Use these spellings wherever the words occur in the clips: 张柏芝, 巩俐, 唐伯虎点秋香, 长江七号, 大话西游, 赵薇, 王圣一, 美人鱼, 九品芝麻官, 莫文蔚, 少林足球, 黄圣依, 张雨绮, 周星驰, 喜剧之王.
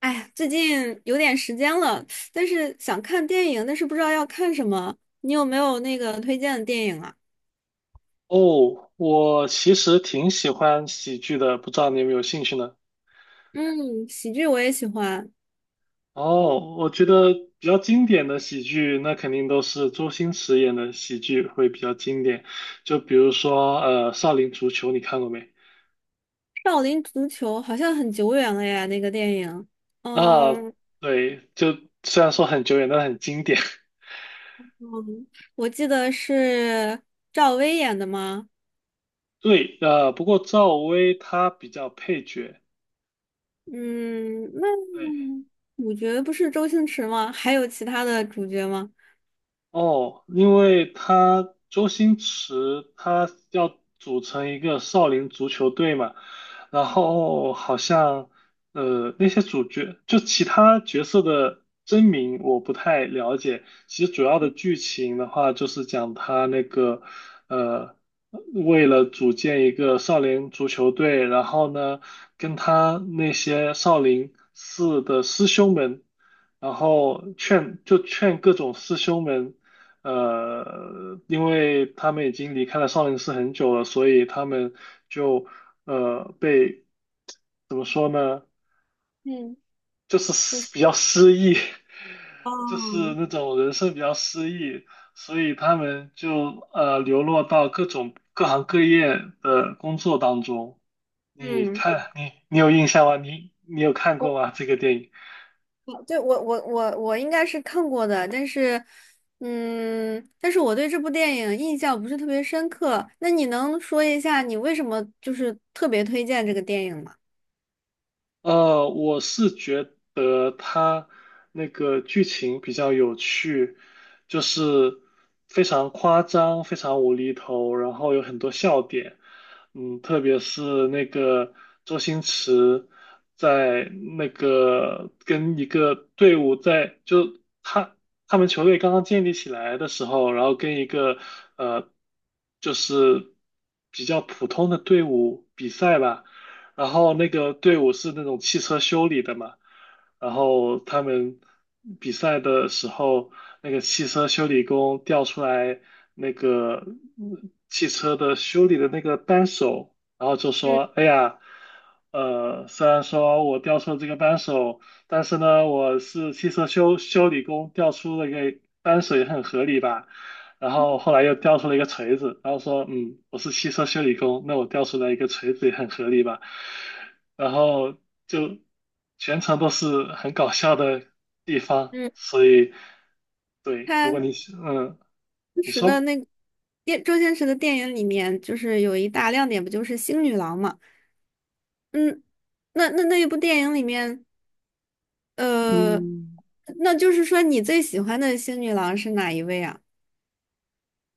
哎呀，最近有点时间了，但是想看电影，但是不知道要看什么。你有没有那个推荐的电影啊？哦，我其实挺喜欢喜剧的，不知道你有没有兴趣呢？嗯，喜剧我也喜欢，哦，我觉得比较经典的喜剧，那肯定都是周星驰演的喜剧会比较经典。就比如说，少林足球》，你看过没？《少林足球》好像很久远了呀，那个电影。啊，嗯对，就虽然说很久远，但很经典。嗯，我记得是赵薇演的吗？对，不过赵薇她比较配角。嗯，那对。主角不是周星驰吗？还有其他的主角吗？哦，因为他周星驰他要组成一个少林足球队嘛，然后好像那些主角就其他角色的真名我不太了解，其实主要的剧情的话就是讲他那个呃为了组建一个少林足球队，然后呢跟他那些少林寺的师兄们。然后劝各种师兄们因为他们已经离开了少林寺很久了，所以他们就被怎么说呢，嗯，就是就是失比较失意，就是哦，那种人生比较失意，所以他们就流落到各种各行各业的工作当中。你嗯。看，你有印象吗？你有看过吗？这个电影？对，我应该是看过的，但是，嗯，但是我对这部电影印象不是特别深刻。那你能说一下你为什么就是特别推荐这个电影吗？我是觉得他那个剧情比较有趣，就是非常夸张、非常无厘头，然后有很多笑点。嗯，特别是那个周星驰在那个跟一个队伍在就他他们球队刚刚建立起来的时候，然后跟一个呃就是比较普通的队伍比赛吧。然后那个队伍是那种汽车修理的嘛，然后他们比赛的时候，那个汽车修理工调出来那个汽车的修理的那个扳手，然后就说：嗯“哎呀，虽然说我调出了这个扳手，但是呢，我是汽车修理工，调出了个扳手也很合理吧。"然后后来又掉出了一个锤子，然后说，嗯，我是汽车修理工，那我掉出来一个锤子也很合理吧。然后就全程都是很搞笑的地方，嗯所以对，如果他你嗯，当你时的说，那个电周星驰的电影里面，就是有一大亮点，不就是星女郎吗？嗯，那那那一部电影里面，呃，嗯。那就是说你最喜欢的星女郎是哪一位啊？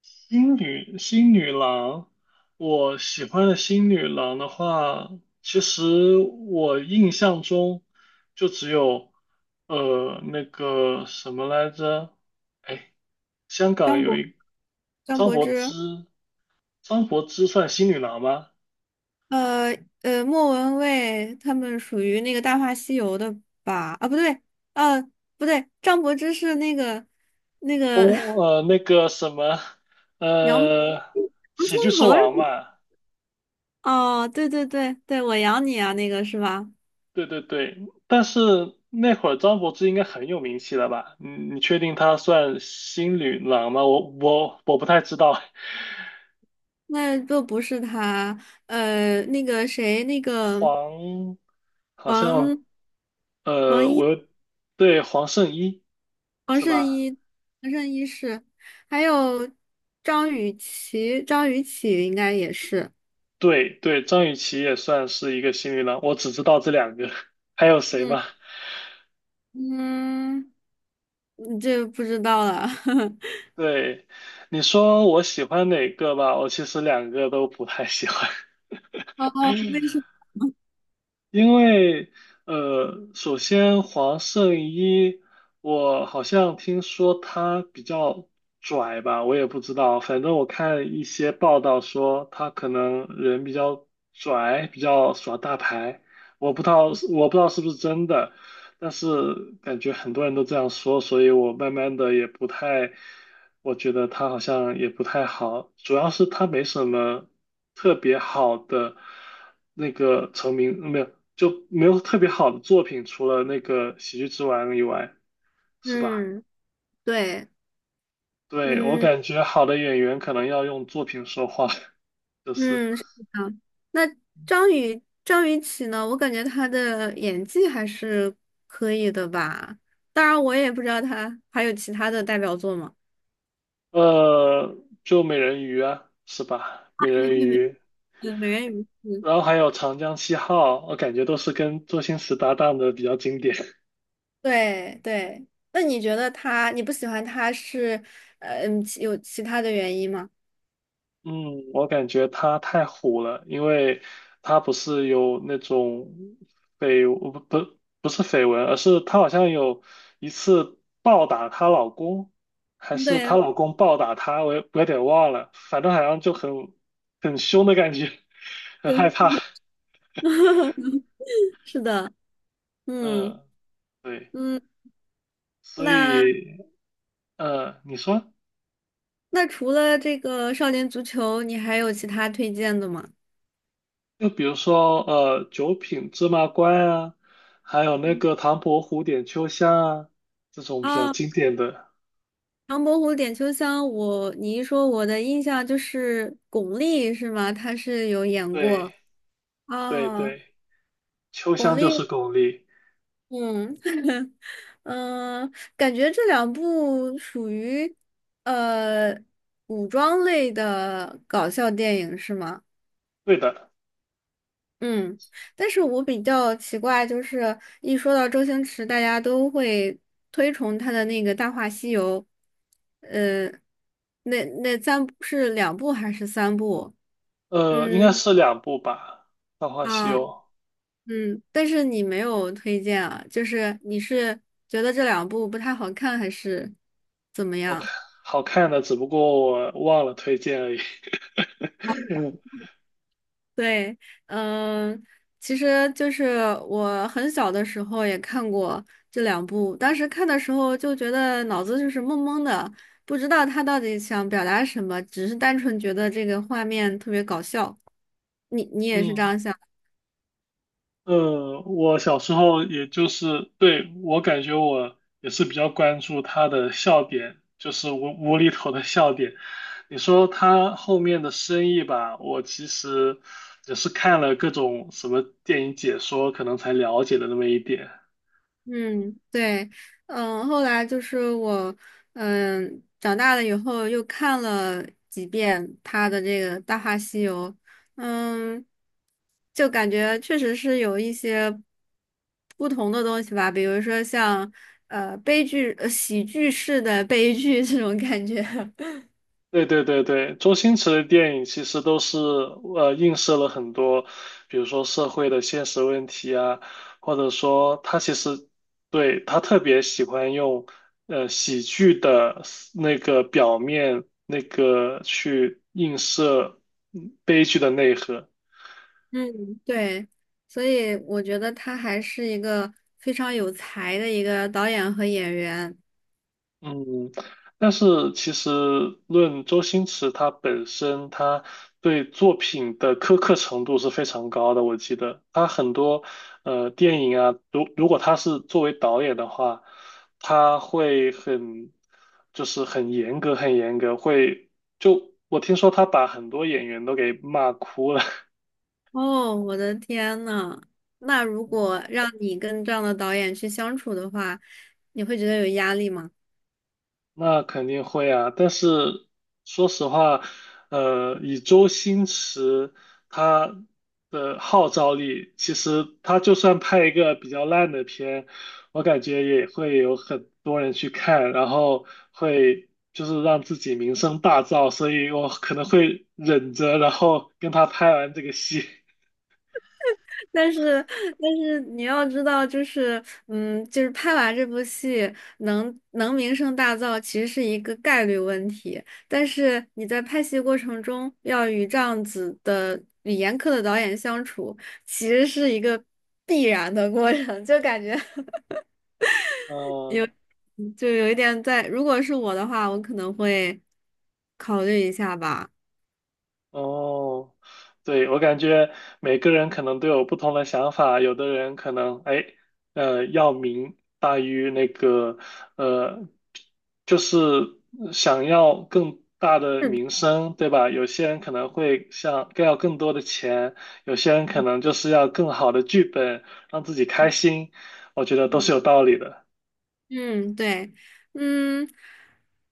新女郎，我喜欢的新女郎的话，其实我印象中就只有那个什么来着，哎，香港张有柏一张张柏柏芝。芝，张柏芝算新女郎吗？呃莫文蔚他们属于那个《大话西游》的吧？啊，不对，呃，不对，张柏芝是那个那个 公 呃那个什么洋呃洋喜剧葱之头是王吧。嘛，哦，对对对对，我养你啊，那个是吧？对对对，但是那会儿张柏芝应该很有名气了吧？你你确定她算新女郎吗？我不太知道，那就不是他，呃，那个谁，那 个黄好像王王我一又对黄圣依王是圣吧？一王圣一是，还有张雨绮，张雨绮应该也是，对对，张雨绮也算是一个新女郎，我只知道这两个，还有谁吗？嗯嗯。这不知道了。对，你说我喜欢哪个吧？我其实两个都不太喜欢。哦哦，为什么？因为首先黄圣依，我好像听说她比较拽吧，我也不知道，反正我看一些报道说她可能人比较拽，比较耍大牌，我不知道我不知道是不是真的，但是感觉很多人都这样说，所以我慢慢的也不太，我觉得他好像也不太好，主要是他没什么特别好的那个成名，没有，就没有特别好的作品，除了那个《喜剧之王》以外，是吧？嗯，对，对，我嗯感觉好的演员可能要用作品说话，就是，嗯，是的。那张雨绮呢？我感觉他的演技还是可以的吧。当然，我也不知道他还有其他的代表作吗？呃，就美人鱼啊，是吧？美对人对对，鱼。呃美人鱼。嗯然后还有长江七号，我感觉都是跟周星驰搭档的比较经典。对对。那你觉得他？你不喜欢他是，其有其他的原因吗？嗯，我感觉他太虎了，因为他不是有那种绯不不不是绯闻，而是他好像有一次暴打她老公，还嗯是对她老公暴打她，我有点忘了，反正好像就很很凶的感觉，很对，害怕。是的，嗯嗯，对，嗯，所那。以嗯，你说。那除了这个少年足球，你还有其他推荐的吗？就比如说，九品芝麻官啊，还有那个唐伯虎点秋香啊，这种比较啊，经典的。唐伯虎点秋香，我你一说，我的印象就是巩俐是吗？他是有演对过对啊，对，秋巩香就是俐，巩俐。嗯 嗯，感觉这两部属于呃古装类的搞笑电影是吗？对的，嗯，但是我比较奇怪，就是一说到周星驰，大家都会推崇他的那个《大话西游》，呃，那那三部是两部还是三部？应嗯该是两部吧，《大话西啊游》嗯，但是你没有推荐啊，就是你是觉得这两部不太好看，还是怎么好看，样？好看的，只不过我忘了推荐而已。对，嗯，其实就是我很小的时候也看过这两部，当时看的时候就觉得脑子就是懵懵的，不知道他到底想表达什么，只是单纯觉得这个画面特别搞笑。你你也是这嗯，样想？我小时候也就是，对，我感觉我也是比较关注他的笑点，就是无厘头的笑点。你说他后面的生意吧，我其实也是看了各种什么电影解说，可能才了解的那么一点。嗯，对，嗯，后来就是我，嗯，长大了以后又看了几遍他的这个《大话西游》，嗯，就感觉确实是有一些不同的东西吧，比如说像悲剧、喜剧式的悲剧这种感觉。对对对对，周星驰的电影其实都是映射了很多，比如说社会的现实问题啊，或者说他其实对他特别喜欢用喜剧的那个表面那个去映射悲剧的内核。嗯，对，所以我觉得他还是一个非常有才的一个导演和演员。嗯，但是其实论周星驰他本身，他对作品的苛刻程度是非常高的。我记得他很多电影啊，如果他是作为导演的话，他会很就是很严格，很严格，会就我听说他把很多演员都给骂哭了。哦，我的天呐！那如果让你跟这样的导演去相处的话，你会觉得有压力吗？那肯定会啊，但是说实话，以周星驰他的号召力，其实他就算拍一个比较烂的片，我感觉也会有很多人去看，然后会就是让自己名声大噪，所以我可能会忍着，然后跟他拍完这个戏。但是，但是你要知道，就是，嗯，就是拍完这部戏能名声大噪，其实是一个概率问题。但是你在拍戏过程中要与这样子的语严苛的导演相处，其实是一个必然的过程，就感觉 嗯、就有一点在，如果是我的话，我可能会考虑一下吧。哦，对，我感觉每个人可能都有不同的想法，有的人可能哎，要名大于那个，呃，就是想要更大的是的名声，对吧？有些人可能会想更要更多的钱，有些人可能就是要更好的剧本，让自己开心，我觉得都是嗯，有道理的。嗯，对，嗯，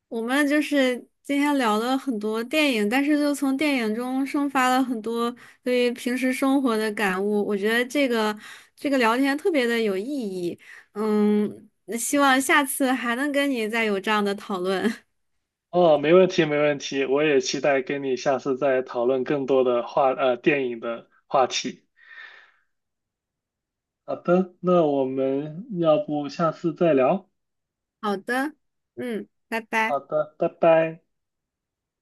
我们就是今天聊了很多电影，但是就从电影中生发了很多对于平时生活的感悟。我觉得这个聊天特别的有意义。嗯，那希望下次还能跟你再有这样的讨论。哦，没问题，没问题，我也期待跟你下次再讨论更多的话，电影的话题。好的，那我们要不下次再聊？好的，嗯，拜拜。好的，拜拜。